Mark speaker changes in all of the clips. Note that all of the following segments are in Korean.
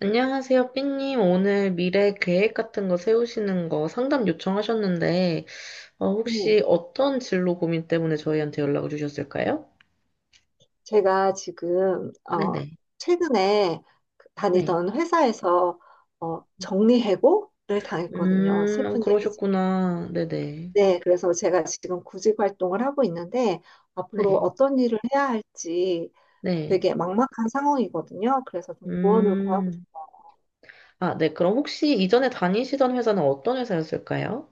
Speaker 1: 안녕하세요, 삐님. 오늘 미래 계획 같은 거 세우시는 거 상담 요청하셨는데,
Speaker 2: 네,
Speaker 1: 혹시 어떤 진로 고민 때문에 저희한테 연락을 주셨을까요?
Speaker 2: 제가 지금
Speaker 1: 네네,
Speaker 2: 최근에
Speaker 1: 네.
Speaker 2: 다니던 회사에서 정리해고를 당했거든요. 슬픈 얘기죠.
Speaker 1: 그러셨구나. 네네,
Speaker 2: 네, 그래서 제가 지금 구직 활동을 하고 있는데 앞으로
Speaker 1: 네,
Speaker 2: 어떤 일을 해야 할지
Speaker 1: 네.
Speaker 2: 되게 막막한 상황이거든요. 그래서 좀 조언을 구하고
Speaker 1: 음,
Speaker 2: 싶어요.
Speaker 1: 아, 네. 그럼 혹시 이전에 다니시던 회사는 어떤 회사였을까요?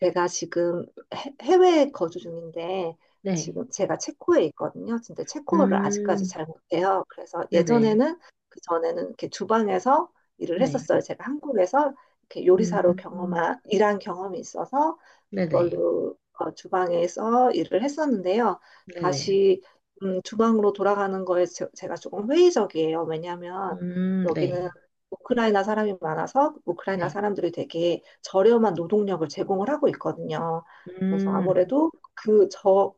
Speaker 2: 제가 지금 해외에 거주 중인데
Speaker 1: 네.
Speaker 2: 지금 제가 체코에 있거든요. 근데 체코어를 아직까지
Speaker 1: 음,
Speaker 2: 잘 못해요. 그래서
Speaker 1: 네네,
Speaker 2: 예전에는 그 전에는 이렇게 주방에서 일을
Speaker 1: 네.
Speaker 2: 했었어요. 제가 한국에서 이렇게 요리사로
Speaker 1: 음,
Speaker 2: 경험한 일한 경험이 있어서
Speaker 1: 네네,
Speaker 2: 그걸로 주방에서 일을 했었는데요.
Speaker 1: 네네.
Speaker 2: 다시 주방으로 돌아가는 거에 제가 조금 회의적이에요. 왜냐하면 여기는
Speaker 1: 네,
Speaker 2: 우크라이나 사람이 많아서 우크라이나
Speaker 1: 네.
Speaker 2: 사람들이 되게 저렴한 노동력을 제공을 하고 있거든요. 그래서
Speaker 1: 음,
Speaker 2: 아무래도 그 저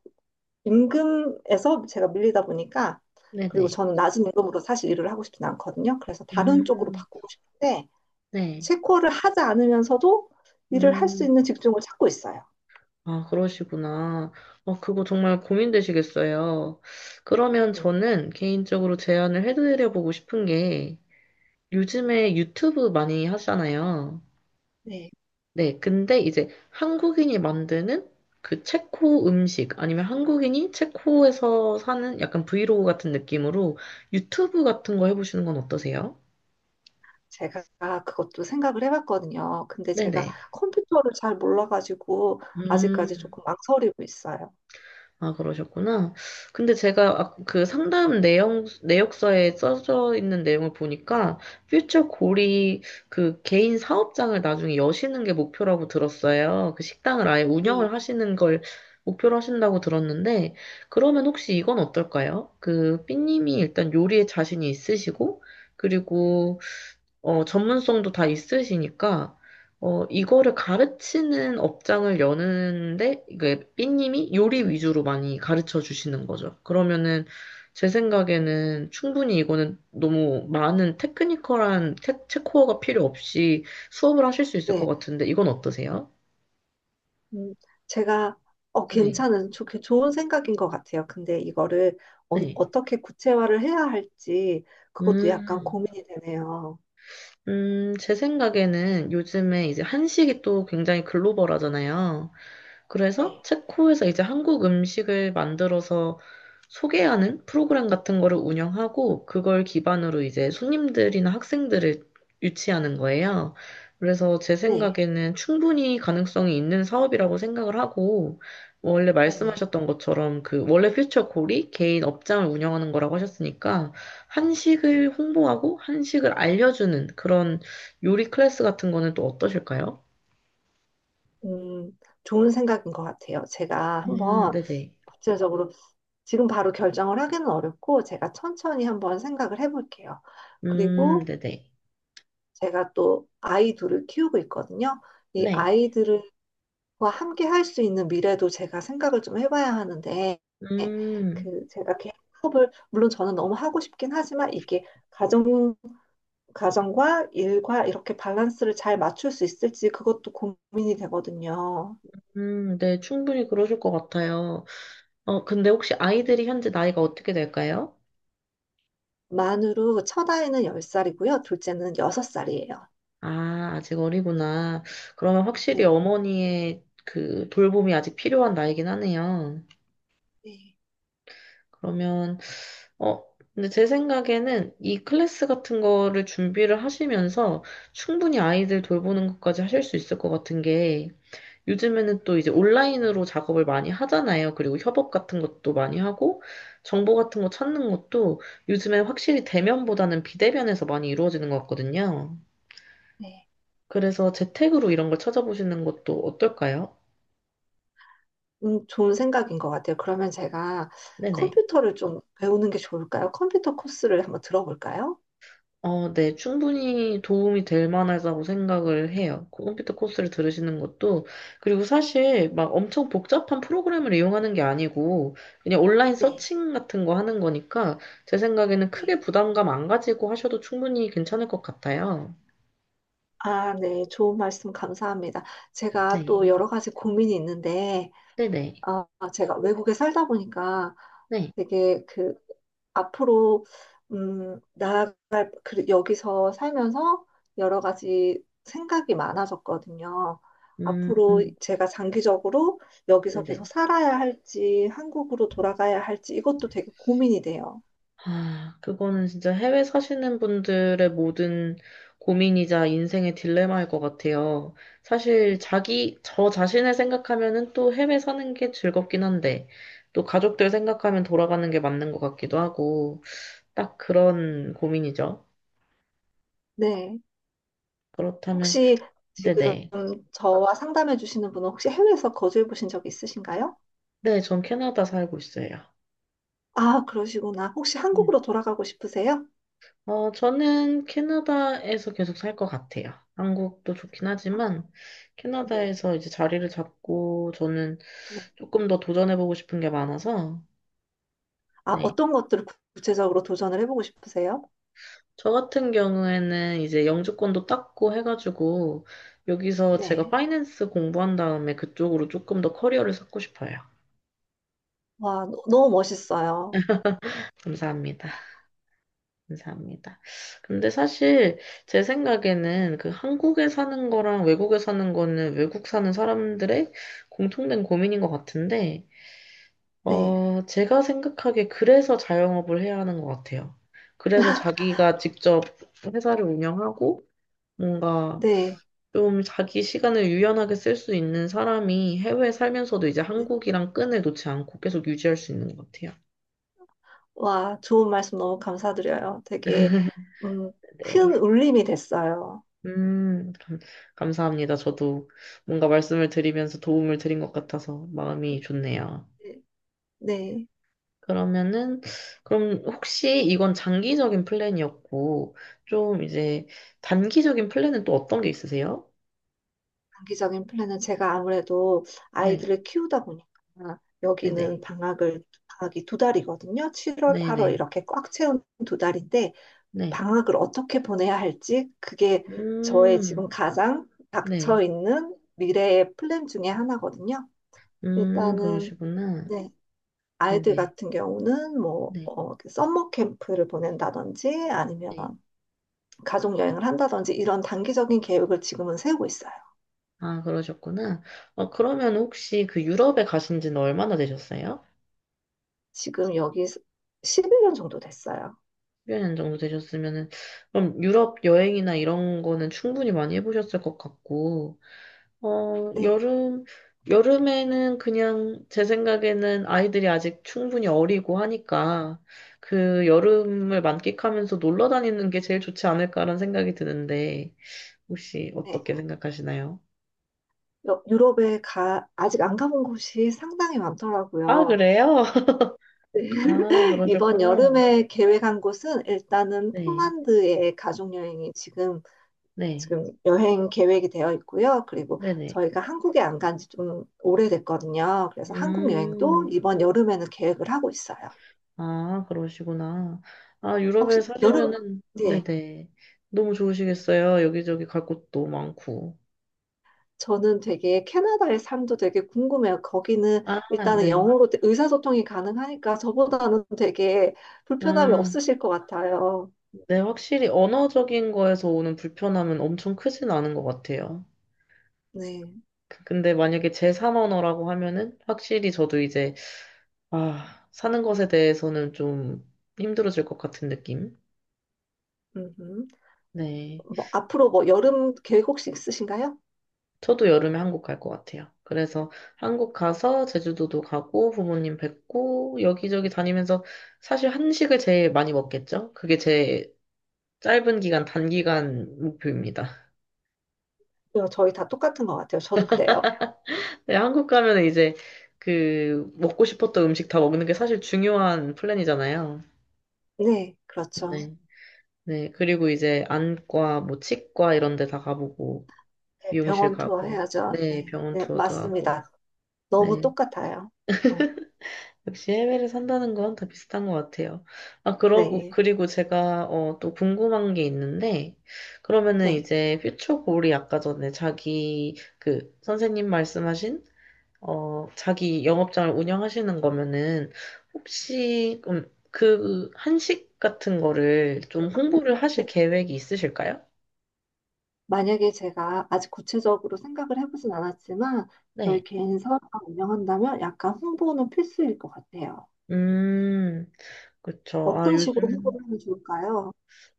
Speaker 2: 임금에서 제가 밀리다 보니까 그리고
Speaker 1: 네네.
Speaker 2: 저는 낮은 임금으로 사실 일을 하고 싶진 않거든요. 그래서 다른 쪽으로
Speaker 1: 음,
Speaker 2: 바꾸고 싶은데
Speaker 1: 네.
Speaker 2: 체코를 하지 않으면서도 일을 할 수
Speaker 1: 음,
Speaker 2: 있는 직종을 찾고 있어요.
Speaker 1: 아, 그러시구나. 어, 그거 정말 고민되시겠어요. 그러면
Speaker 2: 네.
Speaker 1: 저는 개인적으로 제안을 해드려보고 싶은 게 요즘에 유튜브 많이 하잖아요.
Speaker 2: 네.
Speaker 1: 네. 근데 이제 한국인이 만드는 그 체코 음식 아니면 한국인이 체코에서 사는 약간 브이로그 같은 느낌으로 유튜브 같은 거 해보시는 건 어떠세요?
Speaker 2: 제가 그것도 생각을 해봤거든요. 근데 제가
Speaker 1: 네네.
Speaker 2: 컴퓨터를 잘 몰라가지고 아직까지
Speaker 1: 음.
Speaker 2: 조금 망설이고 있어요.
Speaker 1: 아, 그러셨구나. 근데 제가 그 상담 내용, 내역서에 써져 있는 내용을 보니까 퓨처 골이 그 개인 사업장을 나중에 여시는 게 목표라고 들었어요. 그 식당을 아예
Speaker 2: 네.
Speaker 1: 운영을 하시는 걸 목표로 하신다고 들었는데, 그러면 혹시 이건 어떨까요? 그 삐님이 일단 요리에 자신이 있으시고, 그리고 전문성도 다 있으시니까, 이거를 가르치는 업장을 여는데, 이게 삐님이 요리 위주로 많이 가르쳐 주시는 거죠. 그러면은, 제 생각에는 충분히 이거는 너무 많은 체코어가 필요 없이 수업을 하실 수 있을 것
Speaker 2: 네.
Speaker 1: 같은데, 이건 어떠세요?
Speaker 2: 음, 제가
Speaker 1: 네.
Speaker 2: 괜찮은 좋은 생각인 것 같아요. 근데 이거를
Speaker 1: 네.
Speaker 2: 어떻게 구체화를 해야 할지 그것도 약간
Speaker 1: 음,
Speaker 2: 고민이 되네요.
Speaker 1: 제 생각에는 요즘에 이제 한식이 또 굉장히 글로벌하잖아요. 그래서
Speaker 2: 네.
Speaker 1: 체코에서 이제 한국 음식을 만들어서 소개하는 프로그램 같은 거를 운영하고 그걸 기반으로 이제 손님들이나 학생들을 유치하는 거예요. 그래서 제
Speaker 2: 네,
Speaker 1: 생각에는 충분히 가능성이 있는 사업이라고 생각을 하고 원래
Speaker 2: 네네.
Speaker 1: 말씀하셨던 것처럼 그 원래 퓨처콜이 개인 업장을 운영하는 거라고 하셨으니까
Speaker 2: 네.
Speaker 1: 한식을 홍보하고 한식을 알려주는 그런 요리 클래스 같은 거는 또 어떠실까요?
Speaker 2: 음, 좋은 생각인 것 같아요. 제가 한번
Speaker 1: 네네.
Speaker 2: 구체적으로 지금 바로 결정을 하기는 어렵고 제가 천천히 한번 생각을 해볼게요. 그리고
Speaker 1: 네네.
Speaker 2: 제가 또 아이 둘을 키우고 있거든요. 이
Speaker 1: 네.
Speaker 2: 아이들을 와, 함께 할 수 있는 미래도 제가 생각을 좀 해봐야 하는데,
Speaker 1: 음,
Speaker 2: 그, 제가 개인 사업을, 물론 저는 너무 하고 싶긴 하지만, 이게 가정, 가정과 일과 이렇게 밸런스를 잘 맞출 수 있을지 그것도 고민이 되거든요.
Speaker 1: 네, 충분히 그러실 것 같아요. 어, 근데 혹시 아이들이 현재 나이가 어떻게 될까요?
Speaker 2: 만으로 첫 아이는 열 살이고요 둘째는 여섯 살이에요.
Speaker 1: 아, 아직 어리구나. 그러면 확실히
Speaker 2: 네.
Speaker 1: 어머니의 그 돌봄이 아직 필요한 나이긴 하네요.
Speaker 2: 네.
Speaker 1: 그러면, 어, 근데 제 생각에는 이 클래스 같은 거를 준비를 하시면서 충분히 아이들 돌보는 것까지 하실 수 있을 것 같은 게 요즘에는 또 이제 온라인으로 작업을 많이 하잖아요. 그리고 협업 같은 것도 많이 하고, 정보 같은 거 찾는 것도 요즘에 확실히 대면보다는 비대면에서 많이 이루어지는 것 같거든요.
Speaker 2: 네.
Speaker 1: 그래서 재택으로 이런 걸 찾아보시는 것도 어떨까요?
Speaker 2: 좋은 생각인 것 같아요. 그러면 제가
Speaker 1: 네네.
Speaker 2: 컴퓨터를 좀 배우는 게 좋을까요? 컴퓨터 코스를 한번 들어볼까요?
Speaker 1: 어, 네, 충분히 도움이 될 만하다고 생각을 해요. 컴퓨터 코스를 들으시는 것도. 그리고 사실 막 엄청 복잡한 프로그램을 이용하는 게 아니고, 그냥 온라인
Speaker 2: 네.
Speaker 1: 서칭 같은 거 하는 거니까, 제 생각에는
Speaker 2: 네.
Speaker 1: 크게 부담감 안 가지고 하셔도 충분히 괜찮을 것 같아요.
Speaker 2: 아, 네. 좋은 말씀 감사합니다. 제가
Speaker 1: 네,
Speaker 2: 또 여러 가지 고민이 있는데,
Speaker 1: 네네,
Speaker 2: 어, 제가 외국에 살다 보니까
Speaker 1: 네.
Speaker 2: 되게 그 앞으로 나아갈 여기서 살면서 여러 가지 생각이 많아졌거든요. 앞으로
Speaker 1: 음,
Speaker 2: 제가 장기적으로 여기서 계속
Speaker 1: 네네.
Speaker 2: 살아야 할지, 한국으로 돌아가야 할지 이것도 되게 고민이 돼요.
Speaker 1: 아, 그거는 진짜 해외 사시는 분들의 모든 고민이자 인생의 딜레마일 것 같아요. 사실 저 자신을 생각하면은 또 해외 사는 게 즐겁긴 한데, 또 가족들 생각하면 돌아가는 게 맞는 것 같기도 하고, 딱 그런 고민이죠.
Speaker 2: 네.
Speaker 1: 그렇다면,
Speaker 2: 혹시 지금
Speaker 1: 네네.
Speaker 2: 저와 상담해 주시는 분은 혹시 해외에서 거주해 보신 적 있으신가요?
Speaker 1: 네, 네, 전 캐나다 살고 있어요.
Speaker 2: 아, 그러시구나. 혹시
Speaker 1: 음.
Speaker 2: 한국으로 돌아가고 싶으세요?
Speaker 1: 어, 저는 캐나다에서 계속 살 것 같아요. 한국도 좋긴
Speaker 2: 아,
Speaker 1: 하지만,
Speaker 2: 네,
Speaker 1: 캐나다에서 이제 자리를 잡고, 저는
Speaker 2: 네.
Speaker 1: 조금 더 도전해보고 싶은 게 많아서,
Speaker 2: 아,
Speaker 1: 네.
Speaker 2: 어떤 것들을 구체적으로 도전을 해보고 싶으세요?
Speaker 1: 저 같은 경우에는 이제 영주권도 땄고 해가지고, 여기서 제가
Speaker 2: 네.
Speaker 1: 파이낸스 공부한 다음에 그쪽으로 조금 더 커리어를 쌓고 싶어요.
Speaker 2: 와, 너무 멋있어요.
Speaker 1: 감사합니다. 감사합니다. 근데 사실 제 생각에는 그 한국에 사는 거랑 외국에 사는 거는 외국 사는 사람들의 공통된 고민인 것 같은데,
Speaker 2: 네,
Speaker 1: 제가 생각하기에 그래서 자영업을 해야 하는 것 같아요. 그래서 자기가 직접 회사를 운영하고 뭔가
Speaker 2: 네.
Speaker 1: 좀 자기 시간을 유연하게 쓸 수 있는 사람이 해외에 살면서도 이제 한국이랑 끈을 놓지 않고 계속 유지할 수 있는 것 같아요.
Speaker 2: 와, 좋은 말씀 너무 감사드려요. 되게, 음,
Speaker 1: 네.
Speaker 2: 큰 울림이 됐어요.
Speaker 1: 음, 감- 감사합니다. 저도 뭔가 말씀을 드리면서 도움을 드린 것 같아서 마음이 좋네요.
Speaker 2: 네. 네.
Speaker 1: 그러면은, 그럼 혹시 이건 장기적인 플랜이었고, 좀 이제 단기적인 플랜은 또 어떤 게 있으세요?
Speaker 2: 장기적인 플랜은 제가 아무래도
Speaker 1: 네,
Speaker 2: 아이들을 키우다 보니까 여기는
Speaker 1: 네네,
Speaker 2: 방학을 방학이 두 달이거든요. 7월,
Speaker 1: 네네,
Speaker 2: 8월
Speaker 1: 네.
Speaker 2: 이렇게 꽉 채운 두 달인데
Speaker 1: 네, 네.
Speaker 2: 방학을 어떻게 보내야 할지 그게 저의 지금
Speaker 1: 음,
Speaker 2: 가장 닥쳐
Speaker 1: 네.
Speaker 2: 있는 미래의 플랜 중에 하나거든요. 일단은
Speaker 1: 그러시구나.
Speaker 2: 네.
Speaker 1: 네네,
Speaker 2: 아이들
Speaker 1: 네,
Speaker 2: 같은 경우는 뭐
Speaker 1: 네.
Speaker 2: 그 썸머 캠프를 보낸다든지 아니면
Speaker 1: 네.
Speaker 2: 가족 여행을 한다든지 이런 단기적인 계획을 지금은 세우고 있어요.
Speaker 1: 아, 그러셨구나. 어, 그러면 혹시 그 유럽에 가신 지는 얼마나 되셨어요?
Speaker 2: 지금 여기 11년 정도 됐어요.
Speaker 1: 1년 정도 되셨으면은, 그럼 유럽 여행이나 이런 거는 충분히 많이 해보셨을 것 같고, 어,
Speaker 2: 네.
Speaker 1: 여름, 여름에는 그냥 제 생각에는 아이들이 아직 충분히 어리고 하니까 그 여름을 만끽하면서 놀러 다니는 게 제일 좋지 않을까라는 생각이 드는데, 혹시
Speaker 2: 네.
Speaker 1: 어떻게 생각하시나요?
Speaker 2: 유럽에 가, 아직 안 가본 곳이 상당히
Speaker 1: 아,
Speaker 2: 많더라고요.
Speaker 1: 그래요?
Speaker 2: 네.
Speaker 1: 아,
Speaker 2: 이번
Speaker 1: 그러셨구나.
Speaker 2: 여름에 계획한 곳은 일단은
Speaker 1: 네,
Speaker 2: 폴란드의 가족여행이 지금,
Speaker 1: 네,
Speaker 2: 지금 여행 계획이 되어 있고요. 그리고
Speaker 1: 네네.
Speaker 2: 저희가 한국에 안 간지 좀 오래됐거든요. 그래서 한국 여행도
Speaker 1: 음.
Speaker 2: 이번 여름에는 계획을 하고 있어요.
Speaker 1: 아, 그러시구나. 아, 유럽에
Speaker 2: 혹시 여름,
Speaker 1: 사시면은,
Speaker 2: 네.
Speaker 1: 네네. 너무 좋으시겠어요. 여기저기 갈 곳도 많고.
Speaker 2: 저는 되게 캐나다의 삶도 되게 궁금해요. 거기는
Speaker 1: 아,
Speaker 2: 일단은
Speaker 1: 네.
Speaker 2: 영어로 의사소통이 가능하니까 저보다는 되게 불편함이
Speaker 1: 음,
Speaker 2: 없으실 것 같아요.
Speaker 1: 네, 확실히 언어적인 거에서 오는 불편함은 엄청 크진 않은 것 같아요.
Speaker 2: 네.
Speaker 1: 근데 만약에 제3 언어라고 하면은 확실히 저도 이제, 아, 사는 것에 대해서는 좀 힘들어질 것 같은 느낌?
Speaker 2: 음흠.
Speaker 1: 네.
Speaker 2: 뭐 앞으로 뭐 여름 계획 혹시 있으신가요?
Speaker 1: 저도 여름에 한국 갈 것 같아요. 그래서 한국 가서 제주도도 가고 부모님 뵙고 여기저기 다니면서 사실 한식을 제일 많이 먹겠죠? 그게 제 단기간 목표입니다.
Speaker 2: 어, 저희 다 똑같은 것 같아요. 저도 그래요.
Speaker 1: 네, 한국 가면 이제 그 먹고 싶었던 음식 다 먹는 게 사실 중요한 플랜이잖아요.
Speaker 2: 네, 그렇죠.
Speaker 1: 네. 네. 그리고 이제 안과, 뭐 치과 이런 데 다 가보고
Speaker 2: 네,
Speaker 1: 미용실
Speaker 2: 병원 투어
Speaker 1: 가고
Speaker 2: 해야죠.
Speaker 1: 네,
Speaker 2: 네,
Speaker 1: 병원
Speaker 2: 네,
Speaker 1: 투어도 하고
Speaker 2: 맞습니다. 너무
Speaker 1: 네.
Speaker 2: 똑같아요. 어,
Speaker 1: 역시 해외를 산다는 건 다 비슷한 것 같아요. 아, 그러고,
Speaker 2: 네,
Speaker 1: 그리고 제가, 또 궁금한 게 있는데, 그러면은
Speaker 2: 네.
Speaker 1: 이제 퓨처골이 아까 전에 선생님 말씀하신, 자기 영업장을 운영하시는 거면은, 혹시, 한식 같은 거를 좀 홍보를 하실 계획이 있으실까요?
Speaker 2: 만약에 제가 아직 구체적으로 생각을 해보진 않았지만 저희
Speaker 1: 네.
Speaker 2: 개인 사업을 운영한다면 약간 홍보는 필수일 것 같아요.
Speaker 1: 음, 그쵸.
Speaker 2: 어떤 식으로 홍보를 하면 좋을까요?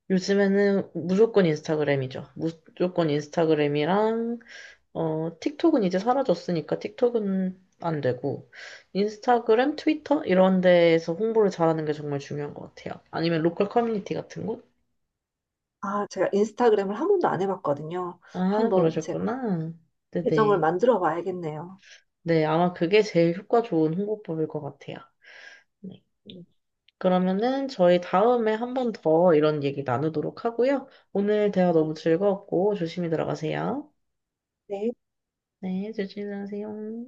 Speaker 1: 요즘에는 무조건 인스타그램이죠. 무조건 인스타그램이랑 틱톡은 이제 사라졌으니까 틱톡은 안 되고, 인스타그램, 트위터? 이런 데에서 홍보를 잘하는 게 정말 중요한 것 같아요. 아니면 로컬 커뮤니티 같은 곳?
Speaker 2: 아, 제가 인스타그램을 한 번도 안 해봤거든요.
Speaker 1: 아,
Speaker 2: 한번 제가
Speaker 1: 그러셨구나.
Speaker 2: 계정을
Speaker 1: 네네.
Speaker 2: 만들어 봐야겠네요.
Speaker 1: 네, 아마 그게 제일 효과 좋은 홍보법일 것 같아요. 네.
Speaker 2: 음,
Speaker 1: 그러면은 저희 다음에 한번 더 이런 얘기 나누도록 하고요. 오늘 대화 너무 즐거웠고, 조심히 들어가세요.
Speaker 2: 네.
Speaker 1: 네, 조심히 들어가세요.